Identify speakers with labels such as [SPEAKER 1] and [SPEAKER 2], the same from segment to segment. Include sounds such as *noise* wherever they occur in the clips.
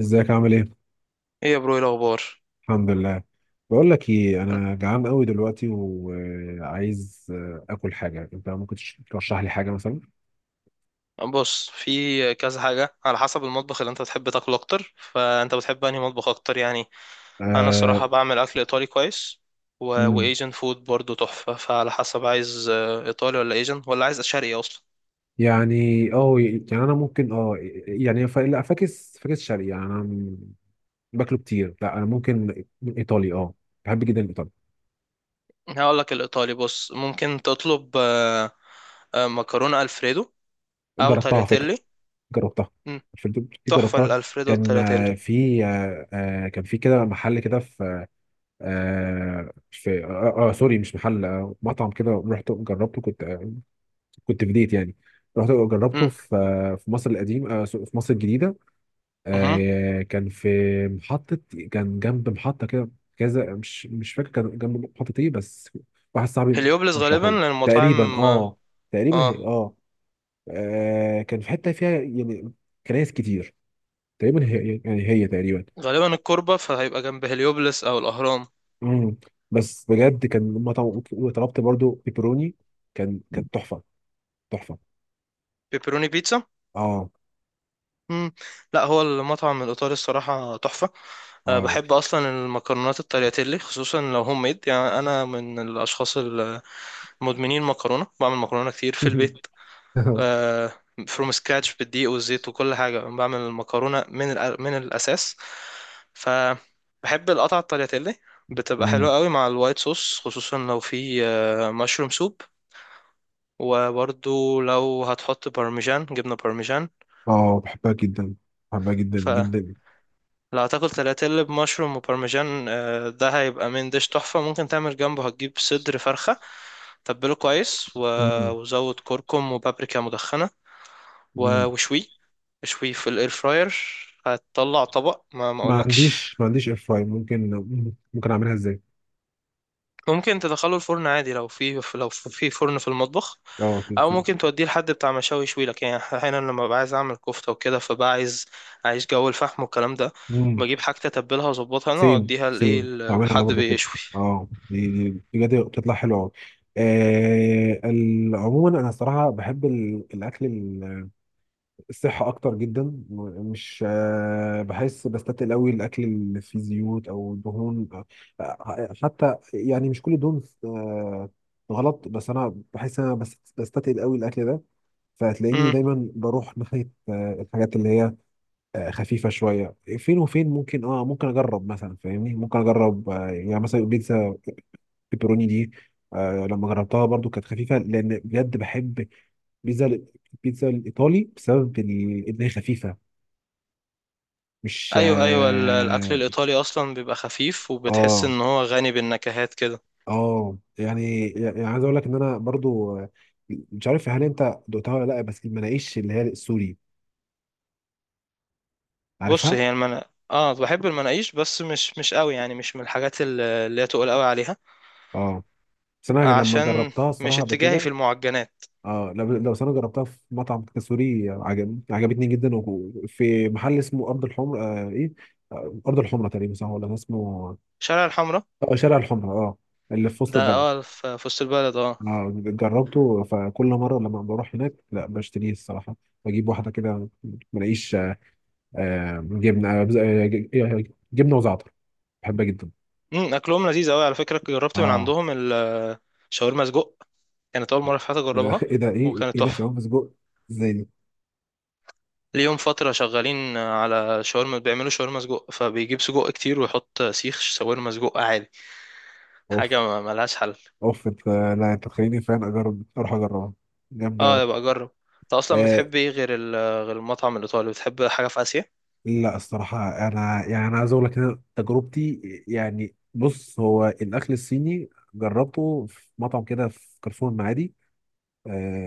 [SPEAKER 1] ازيك عامل ايه؟
[SPEAKER 2] ايه يا برو، ايه الاخبار؟
[SPEAKER 1] الحمد لله. بقول لك ايه، انا جعان قوي دلوقتي وعايز اكل حاجه. انت ممكن ترشح لي حاجه مثلا؟
[SPEAKER 2] بص، في كذا حاجه على حسب المطبخ اللي انت بتحب تاكله اكتر. فانت بتحب انهي مطبخ اكتر يعني؟ انا
[SPEAKER 1] آه.
[SPEAKER 2] الصراحه بعمل اكل ايطالي كويس
[SPEAKER 1] مم.
[SPEAKER 2] وايجن فود برضو تحفه. فعلى حسب عايز ايطالي ولا ايجن ولا عايز شرقي اصلا.
[SPEAKER 1] يعني اه يعني انا ممكن. اه يعني لا، فاكس فاكس شرقي يعني انا باكله كتير. لا انا ممكن ايطالي. اه بحب جدا الايطالي.
[SPEAKER 2] هقول لك الايطالي. بص، ممكن تطلب مكرونه الفريدو او
[SPEAKER 1] جربتها على فكره.
[SPEAKER 2] تالياتيلي.
[SPEAKER 1] جربتها.
[SPEAKER 2] مم،
[SPEAKER 1] في دي
[SPEAKER 2] تحفه
[SPEAKER 1] جربتها.
[SPEAKER 2] الالفريدو
[SPEAKER 1] كان
[SPEAKER 2] والتالياتيلي.
[SPEAKER 1] في كان في كده محل كده. في سوري، مش محل، مطعم كده. رحت جربته، كنت كنت في ديت يعني. رحت جربته
[SPEAKER 2] مم،
[SPEAKER 1] في في مصر القديم، في مصر الجديدة.
[SPEAKER 2] مهم.
[SPEAKER 1] كان في محطة، كان جنب محطة كده كذا. مش فاكر كان جنب محطة ايه، بس واحد صاحبي
[SPEAKER 2] هليوبلس غالبا
[SPEAKER 1] رشحه لي تقريبا.
[SPEAKER 2] للمطاعم اه.
[SPEAKER 1] اه تقريبا هي
[SPEAKER 2] آه،
[SPEAKER 1] كان في حتة فيها يعني كنايس كتير. تقريبا هي، يعني هي تقريبا.
[SPEAKER 2] غالبا الكوربة، فهيبقى جنب هليوبلس او الاهرام.
[SPEAKER 1] مم. بس بجد، كان لما طلبت برضو بيبروني، كانت تحفه. تحفه.
[SPEAKER 2] بيبروني بيتزا.
[SPEAKER 1] اه،
[SPEAKER 2] مم. لا، هو المطعم الإيطالي الصراحة تحفة. أه،
[SPEAKER 1] اه.
[SPEAKER 2] بحب أصلا المكرونات الترياتيلي، خصوصا لو هوم ميد. يعني أنا من الأشخاص المدمنين مكرونة، بعمل مكرونة كتير في البيت.
[SPEAKER 1] *laughs*
[SPEAKER 2] أه، فروم سكراتش، بالدقيق والزيت وكل حاجة. بعمل المكرونة من من الأساس. فبحب القطع الترياتيلي، بتبقى
[SPEAKER 1] مم.
[SPEAKER 2] حلوة قوي مع الوايت صوص، خصوصا لو في مشروم سوب. وبرضو لو هتحط بارميجان، جبنة بارميجان.
[SPEAKER 1] اه، بحبها جدا. بحبها جدا جدا.
[SPEAKER 2] لو هتاكل تلاتيل بمشروم وبارميجان ده هيبقى من ديش تحفة. ممكن تعمل جنبه، هتجيب صدر فرخة، تبله كويس
[SPEAKER 1] مم.
[SPEAKER 2] وزود كركم وبابريكا مدخنة و-
[SPEAKER 1] مم.
[SPEAKER 2] وشويه اشويه في الاير فراير. هتطلع طبق ما
[SPEAKER 1] ما
[SPEAKER 2] اقولكش.
[SPEAKER 1] عنديش ما عنديش اير فراير. ممكن اعملها ازاي؟
[SPEAKER 2] ممكن تدخله الفرن عادي لو لو في فرن في المطبخ،
[SPEAKER 1] اه، في
[SPEAKER 2] او ممكن توديه لحد بتاع مشاوي يشوي لك. يعني احيانا لما ببقى عايز اعمل كفته وكده، فبقى عايز جو الفحم والكلام ده،
[SPEAKER 1] مم.
[SPEAKER 2] بجيب حاجه اتبلها واظبطها انا
[SPEAKER 1] سيم
[SPEAKER 2] واوديها لايه،
[SPEAKER 1] سيم بعملها انا
[SPEAKER 2] لحد
[SPEAKER 1] برضو كده.
[SPEAKER 2] بيشوي.
[SPEAKER 1] اه، دي بجد بتطلع حلوه قوي. عموما انا الصراحه بحب الاكل الصحة أكتر جدا. مش آه، بحس بستتقل أوي الأكل اللي فيه زيوت أو دهون. حتى يعني مش كل الدهون غلط، بس أنا بحس إن أنا بستتقل أوي الأكل ده. فهتلاقيني دايما بروح ناحية الحاجات اللي هي خفيفة شوية. فين وفين ممكن، ممكن أجرب مثلا، فاهمني؟ ممكن أجرب يعني مثلا بيتزا بيبروني دي. لما جربتها برضو كانت خفيفة، لأن بجد بحب بيتزا البيتزا الإيطالي بسبب إن هي خفيفة. مش.
[SPEAKER 2] ايوه، ايوه، الاكل
[SPEAKER 1] اه
[SPEAKER 2] الايطالي اصلا بيبقى خفيف، وبتحس
[SPEAKER 1] اه
[SPEAKER 2] ان هو غني بالنكهات كده.
[SPEAKER 1] يعني عايز اقول لك ان انا برضو مش عارف هل انت دقتها ولا لا. بس المناقيش اللي هي السوري،
[SPEAKER 2] بص،
[SPEAKER 1] عارفها.
[SPEAKER 2] هي المنا بحب المناقيش، بس مش قوي. يعني مش من الحاجات اللي هي تقول قوي عليها،
[SPEAKER 1] اه. بس انا لما
[SPEAKER 2] عشان
[SPEAKER 1] جربتها
[SPEAKER 2] مش
[SPEAKER 1] الصراحه قبل
[SPEAKER 2] اتجاهي في
[SPEAKER 1] كده،
[SPEAKER 2] المعجنات.
[SPEAKER 1] اه، لو بس انا جربتها في مطعم كده سوري، عجبتني جدا. وفي محل اسمه ارض الحمر، آه ايه آه، ارض الحمره تقريبا، صح؟ ولا اسمه
[SPEAKER 2] شارع الحمراء،
[SPEAKER 1] اه شارع الحمره، اللي في وسط
[SPEAKER 2] ده
[SPEAKER 1] البلد.
[SPEAKER 2] اه، في وسط البلد اه.
[SPEAKER 1] اه، جربته، فكل مرة لما بروح هناك لا بشتريه الصراحة، بجيب واحدة كده، ملاقيش جبنة جبنة وزعتر. بحبها جدا.
[SPEAKER 2] امم، اكلهم لذيذ قوي على فكره. جربت من
[SPEAKER 1] اه.
[SPEAKER 2] عندهم شاورما سجق، كانت اول مره في حياتي
[SPEAKER 1] ايه ده،
[SPEAKER 2] اجربها،
[SPEAKER 1] ايه ده، ايه
[SPEAKER 2] وكانت
[SPEAKER 1] ايه ده؟
[SPEAKER 2] تحفه.
[SPEAKER 1] شباب سجق؟ ازاي دي؟
[SPEAKER 2] ليهم فتره شغالين على شاورما، بيعملوا شاورما سجق، فبيجيب سجق كتير ويحط سيخ شاورما سجق عادي.
[SPEAKER 1] اوف،
[SPEAKER 2] حاجة ملهاش حل.
[SPEAKER 1] اوف. انت، لا انت تخليني فعلا اجرب اروح اجربها. جامدة أوي.
[SPEAKER 2] اه، يبقى اجرب. انت اصلا
[SPEAKER 1] آه.
[SPEAKER 2] بتحب ايه غير غير المطعم الايطالي؟ بتحب حاجة في اسيا؟
[SPEAKER 1] لا الصراحة، انا عايز اقول لك إن أنا تجربتي، يعني بص، هو الاكل الصيني جربته في مطعم كده في كارفور المعادي.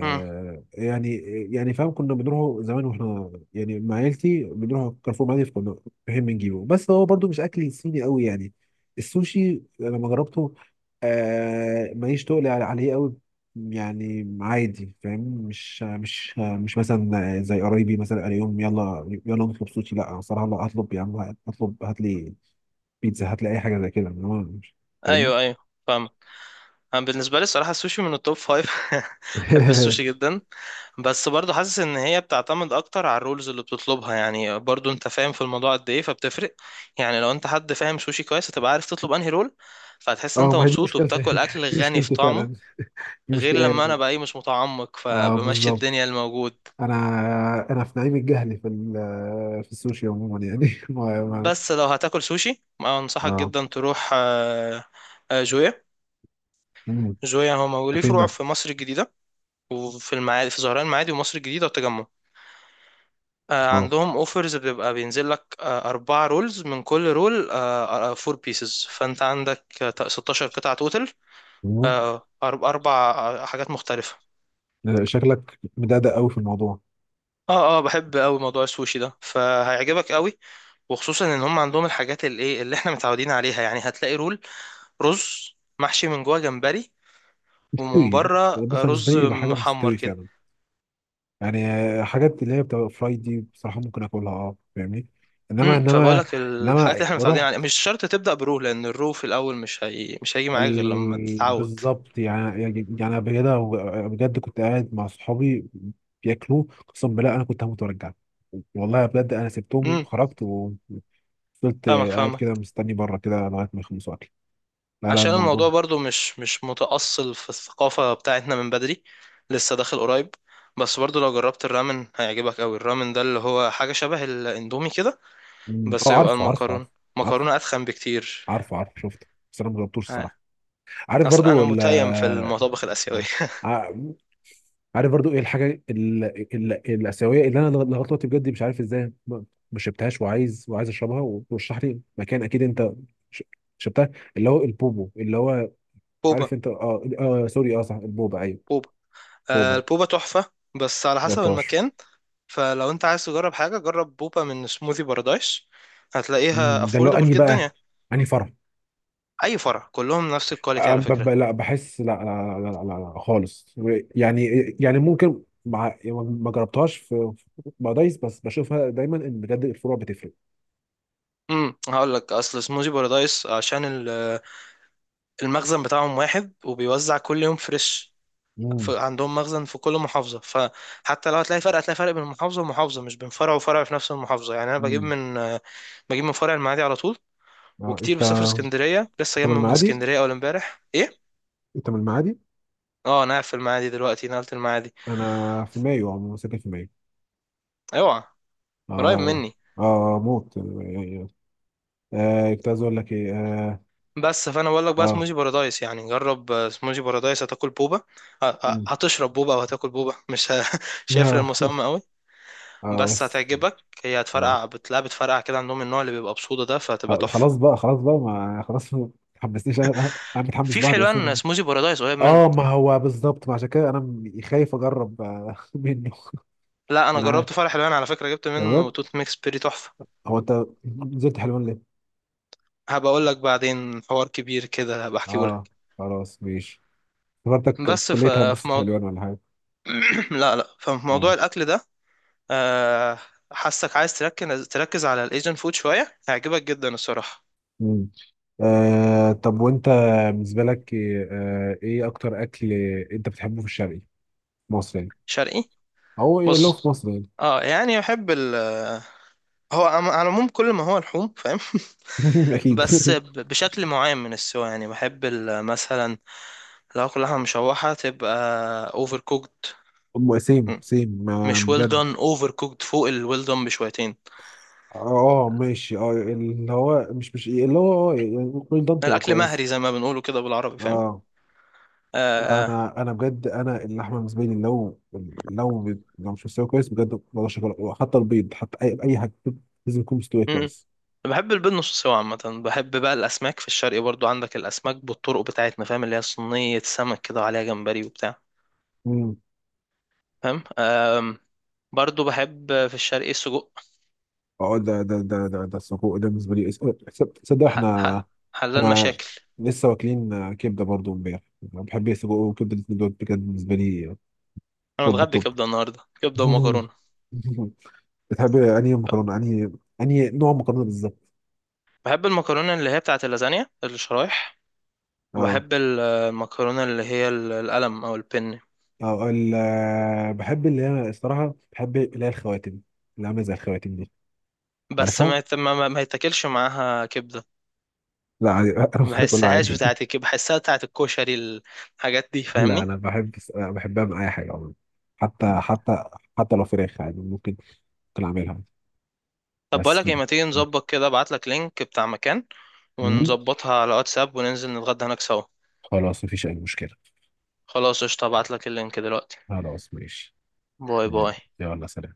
[SPEAKER 2] امم.
[SPEAKER 1] يعني، فاهم، كنا بنروحوا زمان واحنا يعني مع عيلتي بنروح كارفور معادي، فكنا فاهم بنجيبه. بس هو برضو مش اكل صيني قوي يعني. السوشي لما جربته، ماليش تقل عليه قوي. يعني عادي، فاهم؟ مش مثلا زي قرايبي مثلا قال يوم يلا يلا نطلب سوشي. لا أنا صراحة لا اطلب. يا عم اطلب، هات لي بيتزا، هات لي اي حاجة زي كده. إنما فاهمني.
[SPEAKER 2] ايوه، ايوه، فاهم. انا بالنسبة لي الصراحة السوشي من التوب فايف. *laughs* بحب السوشي
[SPEAKER 1] *laughs*
[SPEAKER 2] جدا. بس برضو حاسس ان هي بتعتمد اكتر على الرولز اللي بتطلبها. يعني برضو انت فاهم في الموضوع قد ايه، فبتفرق. يعني لو انت حد فاهم سوشي كويس، هتبقى عارف تطلب انهي رول، فهتحس ان
[SPEAKER 1] اه،
[SPEAKER 2] انت
[SPEAKER 1] ما هي دي
[SPEAKER 2] مبسوط
[SPEAKER 1] مشكلتي.
[SPEAKER 2] وبتاكل اكل
[SPEAKER 1] *laughs* دي
[SPEAKER 2] غني في
[SPEAKER 1] مشكلتي
[SPEAKER 2] طعمه.
[SPEAKER 1] فعلا. دي
[SPEAKER 2] غير
[SPEAKER 1] مشكلة.
[SPEAKER 2] لما انا بقى ايه، مش متعمق،
[SPEAKER 1] اه
[SPEAKER 2] فبمشي
[SPEAKER 1] بالظبط.
[SPEAKER 2] الدنيا الموجود.
[SPEAKER 1] انا انا في نعيم الجهل في السوشي عموما يعني. *laughs* ما ما
[SPEAKER 2] بس لو هتاكل سوشي، ما انصحك
[SPEAKER 1] اه
[SPEAKER 2] جدا تروح جويا.
[SPEAKER 1] مم.
[SPEAKER 2] جويا هو
[SPEAKER 1] ده
[SPEAKER 2] ليه
[SPEAKER 1] فين ده؟
[SPEAKER 2] فروع في مصر الجديده، وفي المعادي في زهران المعادي ومصر الجديده والتجمع.
[SPEAKER 1] اه.
[SPEAKER 2] عندهم اوفرز بتبقى بينزل لك اربع رولز من كل رول، فور بيسز. فانت عندك 16 قطعه توتال،
[SPEAKER 1] مم.
[SPEAKER 2] اربع حاجات مختلفه.
[SPEAKER 1] لا، شكلك مدقدق قوي في الموضوع.
[SPEAKER 2] اه، اه، بحب قوي موضوع السوشي ده، فهيعجبك قوي. وخصوصا ان هم عندهم الحاجات اللي ايه، اللي احنا متعودين عليها. يعني هتلاقي رول رز محشي من جوه جمبري، ومن
[SPEAKER 1] مستوي، بص بص،
[SPEAKER 2] بره
[SPEAKER 1] أنا بالنسبه
[SPEAKER 2] رز
[SPEAKER 1] لي يبقى حاجه
[SPEAKER 2] محمر
[SPEAKER 1] مستوي
[SPEAKER 2] كده.
[SPEAKER 1] فعلا. يعني حاجات اللي هي بتبقى فرايد دي بصراحه ممكن اكلها، اه، فاهمني. انما
[SPEAKER 2] امم، فبقول
[SPEAKER 1] انما
[SPEAKER 2] لك
[SPEAKER 1] انما
[SPEAKER 2] الحاجات اللي احنا متعودين
[SPEAKER 1] رحت
[SPEAKER 2] عليها مش شرط تبدا برو، لان الرو في الاول مش هي... مش هيجي معاك غير لما تتعود.
[SPEAKER 1] بالظبط. يعني أنا بجد، بجد كنت قاعد مع صحابي بياكلوه، قسم بالله انا كنت هموت وارجع. والله بجد، انا سبتهم،
[SPEAKER 2] امم.
[SPEAKER 1] خرجت وفضلت
[SPEAKER 2] فاهمك
[SPEAKER 1] قاعد
[SPEAKER 2] فاهمك
[SPEAKER 1] كده مستني بره كده لغايه ما يخلصوا اكل. لا، لا، عشان
[SPEAKER 2] عشان
[SPEAKER 1] الموضوع.
[SPEAKER 2] الموضوع برضو مش متأصل في الثقافة بتاعتنا من بدري، لسه داخل قريب. بس برضو لو جربت الرامن هيعجبك قوي. الرامن ده اللي هو حاجة شبه الاندومي كده،
[SPEAKER 1] مم. اه،
[SPEAKER 2] بس يبقى
[SPEAKER 1] عارفه عارفه
[SPEAKER 2] المكرونة
[SPEAKER 1] عارفه. عارفه
[SPEAKER 2] مكرونة أتخن بكتير.
[SPEAKER 1] عارفه عارفه، شفته. بس انا ما جربتوش
[SPEAKER 2] آه.
[SPEAKER 1] الصراحه. عارف
[SPEAKER 2] اصل
[SPEAKER 1] برضو
[SPEAKER 2] انا متيم في
[SPEAKER 1] ولا؟
[SPEAKER 2] المطابخ الآسيوية.
[SPEAKER 1] ع- عارف برضو ايه الحاجه الاسيويه اللي انا لغايه دلوقتي بجد مش عارف ازاي ما شربتهاش. وعايز اشربها ورشح لي مكان، اكيد انت ش- شربتها. اللي هو البوبو، اللي هو،
[SPEAKER 2] *laughs*
[SPEAKER 1] عارف
[SPEAKER 2] بوبا.
[SPEAKER 1] انت. اه سوري، اه، صح، البوبا، ايوه
[SPEAKER 2] بوبا.
[SPEAKER 1] بوبا.
[SPEAKER 2] البوبا تحفة، بس على حسب
[SPEAKER 1] جربتهاش؟
[SPEAKER 2] المكان. فلو انت عايز تجرب حاجة، جرب بوبا من سموذي بارادايس. هتلاقيها
[SPEAKER 1] مم، ده اللي هو
[SPEAKER 2] affordable
[SPEAKER 1] اني
[SPEAKER 2] جدا يعني.
[SPEAKER 1] بقى اني فرح.
[SPEAKER 2] اي فرع، كلهم نفس الكواليتي على فكرة.
[SPEAKER 1] لا، بحس، لا لا. لا, لا, لا, لا خالص. يعني، ممكن مع يعني ما جربتهاش في مع دايس. بس بشوفها دايما ان بجد الفروع بتفرق.
[SPEAKER 2] امم، هقول لك اصل سموذي بارادايس، عشان المخزن بتاعهم واحد، وبيوزع كل يوم فريش.
[SPEAKER 1] مم.
[SPEAKER 2] عندهم مخزن في كل محافظة، فحتى لو هتلاقي فرق، هتلاقي فرق بين محافظة ومحافظة، مش بين فرع وفرع في نفس المحافظة. يعني انا بجيب
[SPEAKER 1] مم.
[SPEAKER 2] من بجيب من فرع المعادي على طول.
[SPEAKER 1] اه،
[SPEAKER 2] وكتير
[SPEAKER 1] انت
[SPEAKER 2] بسافر اسكندرية، لسه
[SPEAKER 1] انت
[SPEAKER 2] جاي
[SPEAKER 1] من
[SPEAKER 2] من
[SPEAKER 1] المعادي؟
[SPEAKER 2] اسكندرية اول امبارح. إيه؟
[SPEAKER 1] انت من المعادي.
[SPEAKER 2] اه، انا قاعد في المعادي دلوقتي، نقلت المعادي.
[SPEAKER 1] انا في مايو عموما، ساكن في مايو.
[SPEAKER 2] اوعى! قريب
[SPEAKER 1] اه،
[SPEAKER 2] مني.
[SPEAKER 1] اه، موت يعني. كنت عايز اقول لك ايه. اه
[SPEAKER 2] بس، فانا بقول لك بقى
[SPEAKER 1] اه
[SPEAKER 2] سموزي بارادايس. يعني جرب سموزي بارادايس، هتاكل بوبا،
[SPEAKER 1] مم.
[SPEAKER 2] هتشرب بوبا او هتاكل بوبا، مش ه- *laughs* مش هيفرق المسمى
[SPEAKER 1] *laughs* اه.
[SPEAKER 2] قوي. بس
[SPEAKER 1] بس
[SPEAKER 2] هتعجبك. هي
[SPEAKER 1] اه
[SPEAKER 2] هتفرقع، بتلاقي بتفرقع كده. عندهم النوع اللي بيبقى بصودا ده، فهتبقى تحفه.
[SPEAKER 1] خلاص بقى، خلاص بقى، ما خلاص ما تحمسنيش. انا انا أنا متحمس
[SPEAKER 2] في في
[SPEAKER 1] بعد
[SPEAKER 2] حلوان
[SPEAKER 1] اساسا.
[SPEAKER 2] سموزي بارادايس قريب منك.
[SPEAKER 1] اه، ما هو بالظبط. ما عشان كده انا خايف اجرب *laughs* منه.
[SPEAKER 2] لا، انا
[SPEAKER 1] من عارف؟
[SPEAKER 2] جربت فرع حلوان على فكره، جبت
[SPEAKER 1] يا
[SPEAKER 2] منه
[SPEAKER 1] بجد،
[SPEAKER 2] توت ميكس بيري تحفه.
[SPEAKER 1] هو انت نزلت حلوان ليه؟
[SPEAKER 2] هبقى اقول لك بعدين، حوار كبير كده هبقى احكيه
[SPEAKER 1] اه،
[SPEAKER 2] لك.
[SPEAKER 1] خلاص ماشي. افتكرتك في
[SPEAKER 2] بس ف-
[SPEAKER 1] كلية
[SPEAKER 2] في
[SPEAKER 1] هندسة
[SPEAKER 2] موضوع
[SPEAKER 1] حلوان ولا حاجة.
[SPEAKER 2] *clears throat* لا لا ففي موضوع
[SPEAKER 1] اه.
[SPEAKER 2] الاكل ده آه، حاسك عايز تركز على الايجن فود شويه، هيعجبك جدا الصراحه.
[SPEAKER 1] مم. طب وانت، بالنسبه لك ايه ايه اكتر اكل انت بتحبه في الشرقي؟ مصر يعني،
[SPEAKER 2] شرقي؟
[SPEAKER 1] او إيه لو
[SPEAKER 2] بص،
[SPEAKER 1] في مصر يعني.
[SPEAKER 2] اه، يعني احب ال، هو على العموم كل ما هو لحوم فاهم.
[SPEAKER 1] *laughs*
[SPEAKER 2] *laughs*
[SPEAKER 1] اكيد.
[SPEAKER 2] بس بشكل معين من السوا. يعني بحب مثلا لو كلها مشوحه، تبقى اوفر كوكد.
[SPEAKER 1] سيم سيم ما
[SPEAKER 2] مش ويل
[SPEAKER 1] بجد.
[SPEAKER 2] دون، اوفر كوكد فوق الويل دون بشويتين.
[SPEAKER 1] اه ماشي. اه، اللي هو مش اللي هو، اه يعني ممكن ده تبقى
[SPEAKER 2] الاكل
[SPEAKER 1] كويس.
[SPEAKER 2] مهري زي ما بنقوله كده بالعربي، فاهم؟
[SPEAKER 1] اه، انا
[SPEAKER 2] آه.
[SPEAKER 1] انا انا بجد، انا اللحمه بالنسبه لي، لو مش مستويه كويس بجد ما بقدرش أكلها. حتى البيض، حتى اي حاجه لازم يكون مستوي كويس.
[SPEAKER 2] بحب البيض نص سوا عامة. بحب بقى الأسماك في الشرق، برضو عندك الأسماك بالطرق بتاعتنا، فاهم؟ اللي هي صينية سمك كده، وعليها جمبري وبتاع، فاهم؟ أم، برضو بحب في الشرق السجق.
[SPEAKER 1] اه، ده ده ده ده ده السجق ده بالنسبه لي. تصدق،
[SPEAKER 2] ح-
[SPEAKER 1] احنا
[SPEAKER 2] ح- حلال
[SPEAKER 1] احنا
[SPEAKER 2] مشاكل.
[SPEAKER 1] لسه واكلين كبده برضو امبارح. انا بحب السجق وكبده، الاتنين دول بجد بالنسبه لي
[SPEAKER 2] أنا
[SPEAKER 1] توب
[SPEAKER 2] متغدي
[SPEAKER 1] التوب.
[SPEAKER 2] كبدة النهاردة، كبدة ومكرونة.
[SPEAKER 1] *laughs* بتحب انهي مكرونه، انهي نوع مكرونه بالظبط؟
[SPEAKER 2] بحب المكرونة اللي هي بتاعت اللازانيا، الشرايح.
[SPEAKER 1] اه
[SPEAKER 2] وبحب المكرونة اللي هي القلم أو البن.
[SPEAKER 1] اه. بحب اللي هي الصراحه بحب اللي هي الخواتم. اللي عامله زي الخواتم دي،
[SPEAKER 2] بس
[SPEAKER 1] عارفها؟
[SPEAKER 2] ما يتاكلش معاها كبدة،
[SPEAKER 1] لا عادي. *laughs* انا
[SPEAKER 2] ما
[SPEAKER 1] ممكن اكلها
[SPEAKER 2] بحسهاش
[SPEAKER 1] عادي.
[SPEAKER 2] بتاعت الكبدة، بحسها بتاعت الكشري، الحاجات دي
[SPEAKER 1] لا،
[SPEAKER 2] فاهمني.
[SPEAKER 1] انا بحب، أنا بحبها من اي حاجه عموما. حتى حتى حتى لو فراخ عادي ممكن اعملها
[SPEAKER 2] طب
[SPEAKER 1] بس
[SPEAKER 2] بقولك ايه،
[SPEAKER 1] كده.
[SPEAKER 2] ما تيجي نظبط كده، ابعتلك لينك بتاع مكان
[SPEAKER 1] مم.
[SPEAKER 2] ونظبطها على واتساب وننزل نتغدى هناك سوا.
[SPEAKER 1] خلاص، مفيش أي مشكلة.
[SPEAKER 2] خلاص، قشطة، ابعتلك اللينك دلوقتي.
[SPEAKER 1] خلاص ماشي.
[SPEAKER 2] باي باي.
[SPEAKER 1] يلا سلام.